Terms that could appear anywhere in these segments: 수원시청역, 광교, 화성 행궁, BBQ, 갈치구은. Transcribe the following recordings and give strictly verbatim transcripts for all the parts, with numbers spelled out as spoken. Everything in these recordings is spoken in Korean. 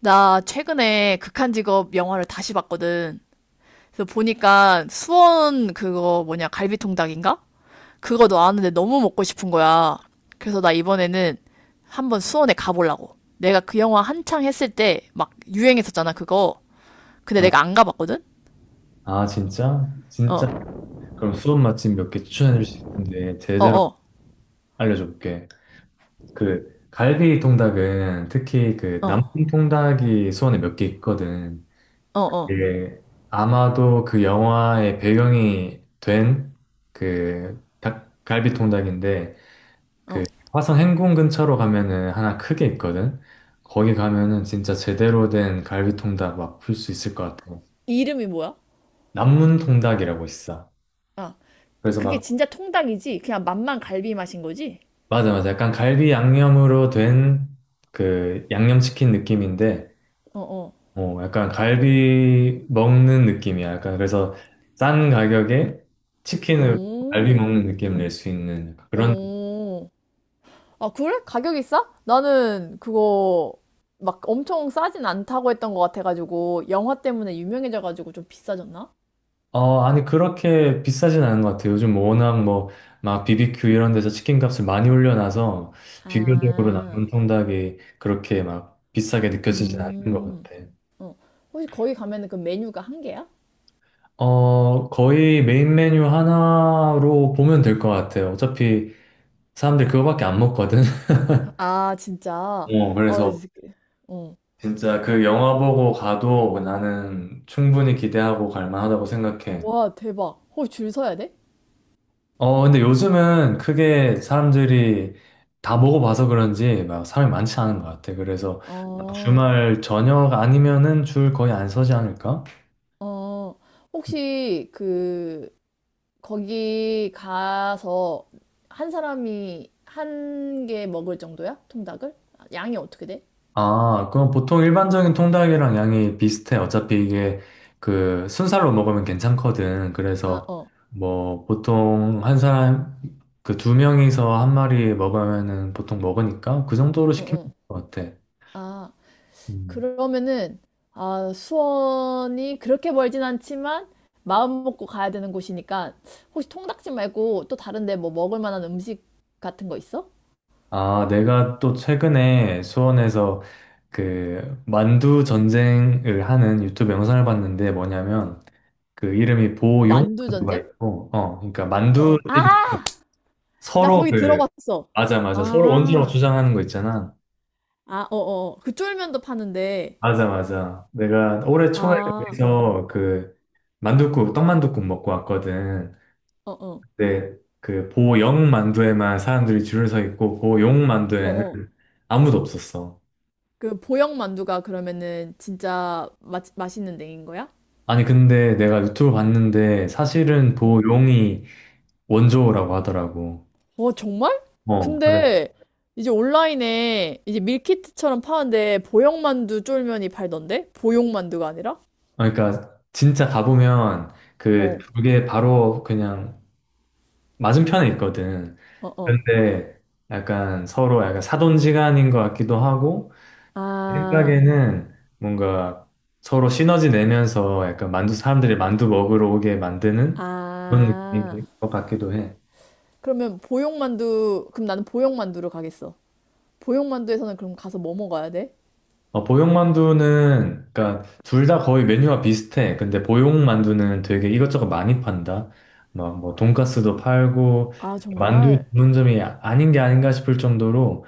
나 최근에 극한 직업 영화를 다시 봤거든. 그래서 보니까 수원 그거 뭐냐, 갈비통닭인가? 그거 나왔는데 너무 먹고 싶은 거야. 그래서 나 이번에는 한번 수원에 가보려고. 내가 그 영화 한창 했을 때 막 유행했었잖아, 그거. 근데 아, 내가 안 가봤거든? 아, 진짜? 진짜? 어, 그럼 수원 맛집 몇 개 추천해 줄 수 있는데 어, 제대로 어, 알려줄게. 그 갈비 통닭은 특히 그 어, 남풍 통닭이 수원에 몇 개 있거든. 어, 어. 그 아마도 그 영화의 배경이 된그 갈비 통닭인데 그 화성 행궁 근처로 가면은 하나 크게 있거든. 거기 가면은 진짜 제대로 된 갈비 통닭 막 풀 수 있을 것 같아. 이름이 뭐야? 남문 통닭이라고 있어. 그래서 그게 막 진짜 통닭이지? 그냥 맛만 갈비 맛인 거지? 맞아, 맞아. 약간 갈비 양념으로 된 그 양념치킨 느낌인데, 어, 어. 어, 약간 갈비 먹는 느낌이야. 약간 그래서 싼 가격에 치킨을 갈비 오, 먹는 느낌을 낼 수 있는 그런, 오. 아, 그래? 가격이 싸? 나는 그거 막 엄청 싸진 않다고 했던 것 같아가지고, 영화 때문에 유명해져가지고 좀 비싸졌나? 어, 아니, 그렇게 비싸진 않은 것 같아. 요즘 워낙 뭐, 막 비비큐 이런 데서 치킨 값을 많이 올려놔서 비교적으로 아, 남은 통닭이 그렇게 막 비싸게 느껴지진 않는 것 음, 같아. 어. 혹시 거기 가면은 그 메뉴가 한 개야? 어, 거의 메인 메뉴 하나로 보면 될 것 같아요. 어차피 사람들 그거밖에 안 먹거든. 아, 진짜. 어, 아, 이 그래서 새끼. 어. 진짜 그 영화 보고 가도 나는 충분히 기대하고 갈 만하다고 생각해. 와, 대박. 혹시 줄 서야 돼? 어, 근데 요즘은 크게 사람들이 다 먹어 봐서 그런지 막 사람이 많지 않은 것 같아. 그래서 어, 주말 저녁 아니면은 줄 거의 안 서지 않을까? 어. 혹시 그, 거기 가서 한 사람이 한 개 먹을 정도야? 통닭을? 양이 어떻게 돼? 아, 그럼 보통 일반적인 통닭이랑 양이 비슷해. 어차피 이게 그 순살로 먹으면 괜찮거든. 아, 그래서 어, 뭐 보통 한 사람, 그 두 명이서 한 마리 먹으면은 보통 먹으니까 그 정도로 응, 시키면 될 응. 것 같아. 아, 음. 그러면은, 아, 수원이 그렇게 멀진 않지만, 마음 먹고 가야 되는 곳이니까, 혹시 통닭집 말고 또 다른데 뭐 먹을 만한 음식 같은 거 있어? 아, 내가 또 최근에 수원에서 그 만두 전쟁을 하는 유튜브 영상을 봤는데 뭐냐면 그 이름이 보용 만두 만두가 전쟁? 있고, 어, 그러니까 어, 만두 어. 아! 나 서로 거기 그 들어봤어. 맞아, 맞아. 서로 원수라고 아, 주장하는 거 있잖아. 아, 어, 어. 어. 그 쫄면도 파는데, 맞아, 맞아. 내가 올해 초에 아, 어, 거기서 그 만둣국, 떡만둣국 먹고 왔거든. 어, 어, 근데 그 보영 만두에만 사람들이 줄을 서 있고 보용 어, 만두에는 어. 아무도 없었어. 그 보영 만두가 그러면은 진짜 맛, 맛있는 데인 거야? 아니, 근데 내가 유튜브 봤는데 사실은 어. 보용이 원조라고 하더라고. 와, 정말? 어, 그래. 근데 이제 온라인에 이제 밀키트처럼 파는데 보형만두 쫄면이 팔던데? 보형만두가 아니라? 그러니까 진짜 가보면 그 어, 두 개 바로 그냥 맞은편에 있거든. 어, 어. 그런데 약간 서로 약간 사돈지간인 것 같기도 하고 내 아, 생각에는 뭔가 서로 시너지 내면서 약간 만두 사람들이 만두 먹으러 오게 만드는 그런 아. 느낌인 것 같기도 해. 그러면 보형만두, 그럼 나는 보형만두로 가겠어. 보형만두에서는 그럼 가서 뭐 먹어야 돼? 어, 보육만두는 그러니까 둘 다 거의 메뉴가 비슷해. 근데 보육만두는 되게 이것저것 많이 판다. 막 뭐 돈가스도 팔고 아, 만두 정말? 전문점이 아닌 게 아닌가 싶을 정도로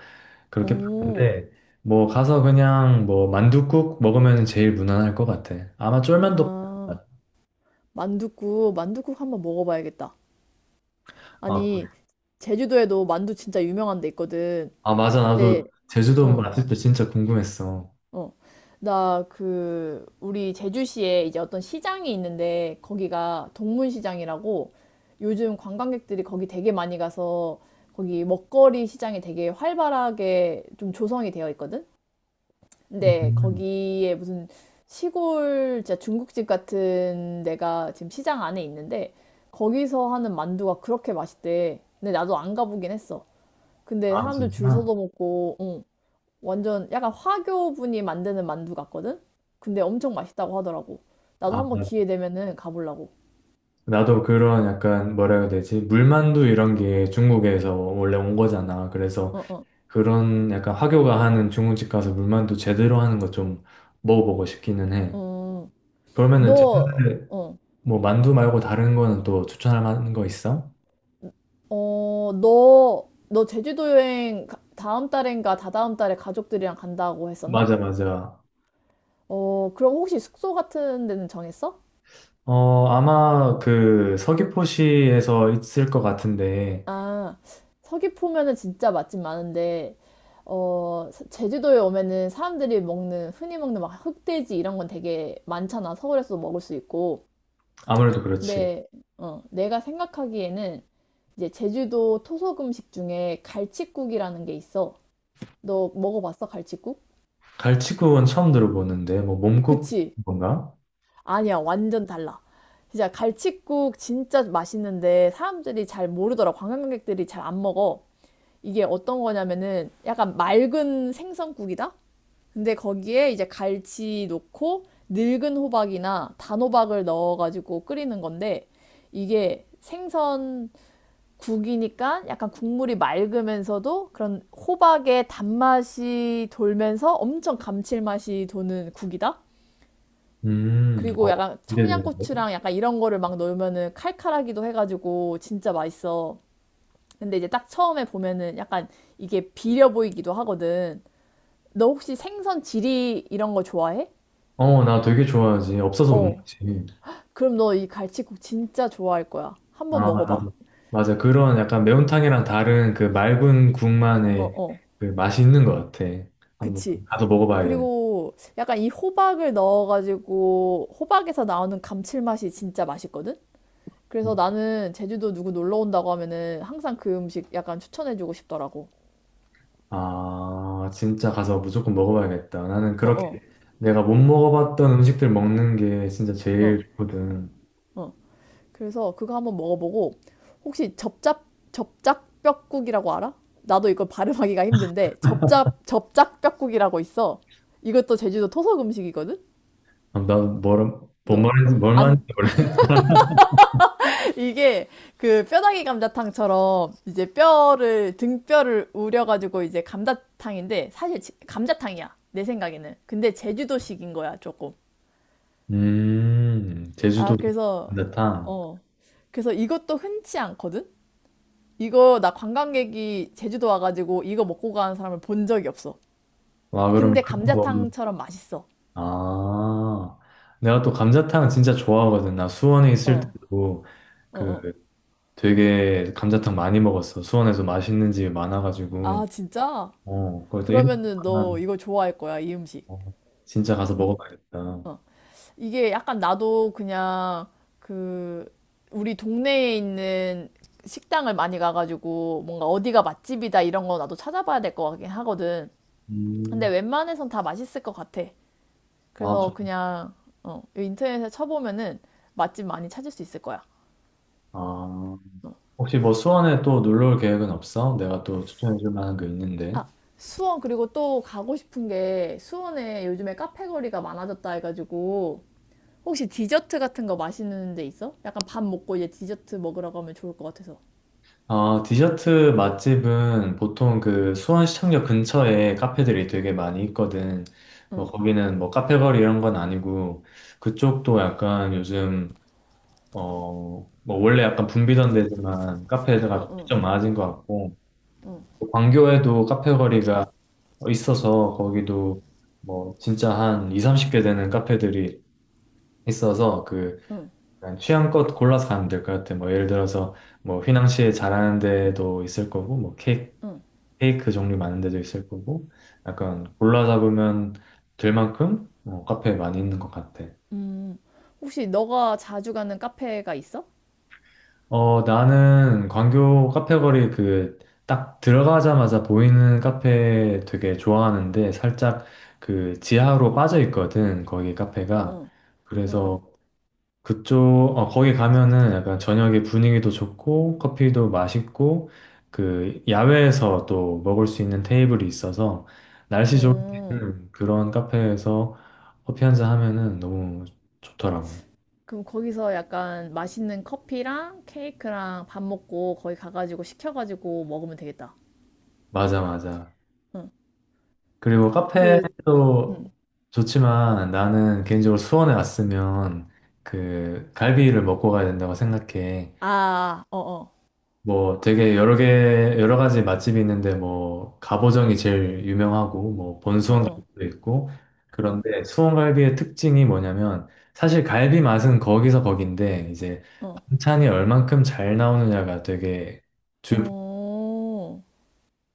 그렇게 봤는 어, 데 뭐 가서 그냥 뭐 만둣국 먹으면 제일 무난할 것 같아. 아마 쫄면도 아. 팔겠다. 만둣국, 만둣국 한번 먹어봐야겠다. 아, 그래. 아니, 제주도에도 만두 진짜 유명한 데 있거든. 아 맞아, 나도 네, 제주도 어. 맛집도 진짜 궁금했어. 어, 나 그, 우리 제주시에 이제 어떤 시장이 있는데, 거기가 동문시장이라고 요즘 관광객들이 거기 되게 많이 가서 거기 먹거리 시장이 되게 활발하게 좀 조성이 되어 있거든? 근데 음. 거기에 무슨 시골 진짜 중국집 같은 데가 지금 시장 안에 있는데, 거기서 하는 만두가 그렇게 맛있대. 근데 나도 안 가보긴 했어. 근데 아 사람들 줄 진짜? 서서 먹고, 응. 완전 약간 화교분이 만드는 만두 같거든? 근데 엄청 맛있다고 하더라고. 나도 아 한번 맞아. 기회 되면은 가보려고. 나도 그런 약간 뭐라 해야 되지? 물만두 이런 게 중국에서 원래 온 거잖아. 그래서 어, 어, 그런 약간 화교가 하는 중국집 가서 물만두 제대로 하는 거 좀 먹어보고 싶기는 해. 음. 그러면은 너, 제주도에 어, 뭐 만두 말고 다른 거는 또 추천할 만한 거 있어? 어, 너, 너 제주도 여행 가- 다음 달인가 다다음 달에 가족들이랑 간다고 했었나? 맞아 맞아. 어, 그럼 혹시 숙소 같은 데는 정했어? 어, 아마 그 서귀포시에서 있을 것 같은데, 아, 서귀포면은 진짜 맛집 많은데, 어, 사- 제주도에 오면은 사람들이 먹는, 흔히 먹는 막 흑돼지 이런 건 되게 많잖아. 서울에서도 먹을 수 있고. 아무래도 그렇지. 내, 어, 내가 생각하기에는 이제 제주도 토속 음식 중에 갈치국이라는 게 있어. 너 먹어봤어, 갈치국? 갈치구은 처음 들어보는데, 뭐 몸국 그치? 건가? 아니야, 완전 달라. 진짜 갈치국 진짜 맛있는데 사람들이 잘 모르더라. 관광객들이 잘 안 먹어. 이게 어떤 거냐면은 약간 맑은 생선국이다? 근데 거기에 이제 갈치 넣고 늙은 호박이나 단호박을 넣어가지고 끓이는 건데 이게 생선 국이니까 약간 국물이 맑으면서도 그런 호박의 단맛이 돌면서 엄청 감칠맛이 도는 국이다. 음, 어, 그리고 약간 기대돼. 청양고추랑 약간 이런 거를 막 넣으면은 칼칼하기도 해가지고 진짜 맛있어. 근데 이제 딱 처음에 보면은 약간 이게 비려 보이기도 하거든. 너 혹시 생선 지리 이런 거 좋아해? 어, 나 되게 좋아하지. 없어서 못 어. 먹지. 그럼 너 이 갈치국 진짜 좋아할 거야. 한번 아, 먹어봐. 나도. 맞아. 그런 약간 매운탕이랑 다른 그 맑은 어, 국만의 어. 그 맛이 있는 것 같아. 한번 그치. 가서 먹어봐야겠네. 그리고 약간 이 호박을 넣어가지고 호박에서 나오는 감칠맛이 진짜 맛있거든? 그래서 나는 제주도 누구 놀러 온다고 하면은 항상 그 음식 약간 추천해주고 싶더라고. 아, 진짜 가서 무조건 먹어봐야겠다. 나는 그렇게 어어, 내가 못 먹어봤던 음식들 먹는 게 진짜 어, 제일 어. 좋거든. 어. 그래서 그거 한번 먹어보고 혹시 접잡, 접짝뼈국이라고 알아? 나도 이걸 발음하기가 힘든데 접잡, 접짝뼈국이라고 있어. 이것도 제주도 토속 음식이거든? 아, 난 뭘, 뭔 너. 말인지, 뭘 말인지 안, 모르겠 이게 그 뼈다귀 감자탕처럼 이제 뼈를 등뼈를 우려가지고 이제 감자탕인데 사실 감자탕이야 내 생각에는 근데 제주도식인 거야 조금. 음, 아 제주도 그래서 감자탕. 어 그래서 이것도 흔치 않거든. 이거 나 관광객이 제주도 와가지고 이거 먹고 가는 사람을 본 적이 없어. 와, 그럼 근데 그거 먹으면, 감자탕처럼 맛있어. 아, 내가 또 감자탕 진짜 좋아하거든. 나 수원에 어 있을 때도 어 어 그 되게 감자탕 많이 먹었어. 수원에서 맛있는 집이 많아가지고. 아 진짜 어, 그래서 이렇게 그러면은 너 하면, 이거 좋아할 거야 이 음식. 어, 진짜 가서 먹어봐야겠다. 어 이게 약간 나도 그냥 그 우리 동네에 있는 식당을 많이 가가지고 뭔가 어디가 맛집이다 이런 거 나도 찾아봐야 될 것 같긴 하거든. 근데 음, 웬만해선 다 맛있을 것 같아. 아, 그래서 좋- 그냥 어, 인터넷에 쳐보면은 맛집 많이 찾을 수 있을 거야. 아, 혹시 뭐 수원에 또 놀러 올 계획은 없어? 내가 또 추천해줄 만한 게 아, 있는데. 수원 그리고 또 가고 싶은 게 수원에 요즘에 카페 거리가 많아졌다 해가지고 혹시 디저트 같은 거 맛있는 데 있어? 약간 밥 먹고 이제 디저트 먹으러 가면 좋을 것 같아서. 아, 디저트 맛집은 보통 그 수원시청역 근처에 카페들이 되게 많이 있거든. 뭐 응. 거기는 뭐 카페거리 이런 건 아니고 그쪽도 약간 요즘 어, 뭐 원래 약간 붐비던 데지만 카페가 좀 많아진 것 같고 또 광교에도 카페거리가 있어서 거기도 뭐 진짜 한 이, 삼십 개 되는 카페들이 있어서 그 그냥 취향껏 골라서 가면 될 것 같아. 뭐 예를 들어서 뭐 휘낭시에 잘하는 데도 있을 거고 뭐 케이크 페이크 종류 많은 데도 있을 거고, 약간 골라 잡으면 될 만큼 어, 카페 많이 있는 것 같아. 음, 혹시 너가 자주 가는 카페가 있어? 어, 나는 광교 카페 거리 그 딱 들어가자마자 보이는 카페 되게 좋아하는데 살짝 그 지하로 빠져 있거든, 거기 카페가. 음. 응응, 응응, 응. 그래서 그쪽, 어, 거기 가면은 약간 저녁에 분위기도 좋고, 커피도 맛있고, 그, 야외에서 또 먹을 수 있는 테이블이 있어서, 날씨 응. 좋을 응. 때는 그런 카페에서 커피 한잔 하면은 너무 좋더라고. 그럼 거기서 약간 맛있는 커피랑 케이크랑 밥 먹고 거기 가가지고 시켜가지고 먹으면 되겠다. 맞아, 맞아. 응, 그리고 그, 카페도 응. 좋지만 나는 개인적으로 수원에 왔으면 그 갈비를 먹고 가야 된다고 생각해. 아, 어어, 뭐 되게 여러 개, 여러 가지 맛집이 있는데 뭐 갑오정이 제일 유명하고 뭐 어어, 본수원갈비도 있고 응, 그런데 수원갈비의 특징이 뭐냐면 사실 갈비 맛은 거기서 거긴데 이제 어, 반찬이 얼만큼 잘 나오느냐가 되게 오,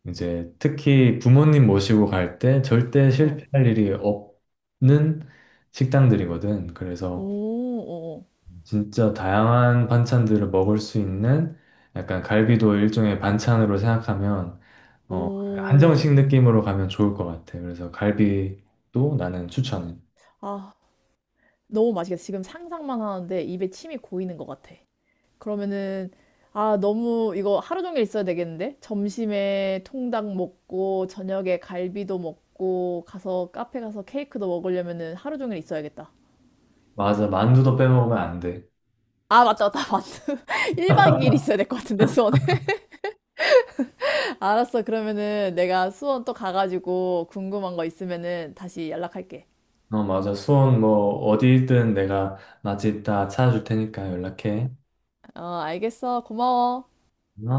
이제 특히 부모님 모시고 갈 때 절대 어, 실패할 일이 없는 식당들이거든. 그래서 오, 오, 진짜 다양한 반찬들을 먹을 수 있는 약간 갈비도 일종의 반찬으로 생각하면 어, 오. 한정식 느낌으로 가면 좋을 것 같아. 그래서 갈비도 나는 추천해. 아, 너무 맛있겠다. 지금 상상만 하는데 입에 침이 고이는 것 같아. 그러면은 아 너무 이거 하루 종일 있어야 되겠는데 점심에 통닭 먹고 저녁에 갈비도 먹고 가서 카페 가서 케이크도 먹으려면은 하루 종일 있어야겠다. 맞아, 만두도 빼먹으면 안 돼. 아 맞다 맞다 맞다. 일 박 이 일 있어야 될 것 같은데 수원에. 알았어 그러면은 내가 수원 또 가가지고 궁금한 거 있으면은 다시 연락할게. 어, 맞아. 수원 뭐 어디든 내가 맛있다 찾아줄 테니까 연락해. 어 알겠어 고마워. 어?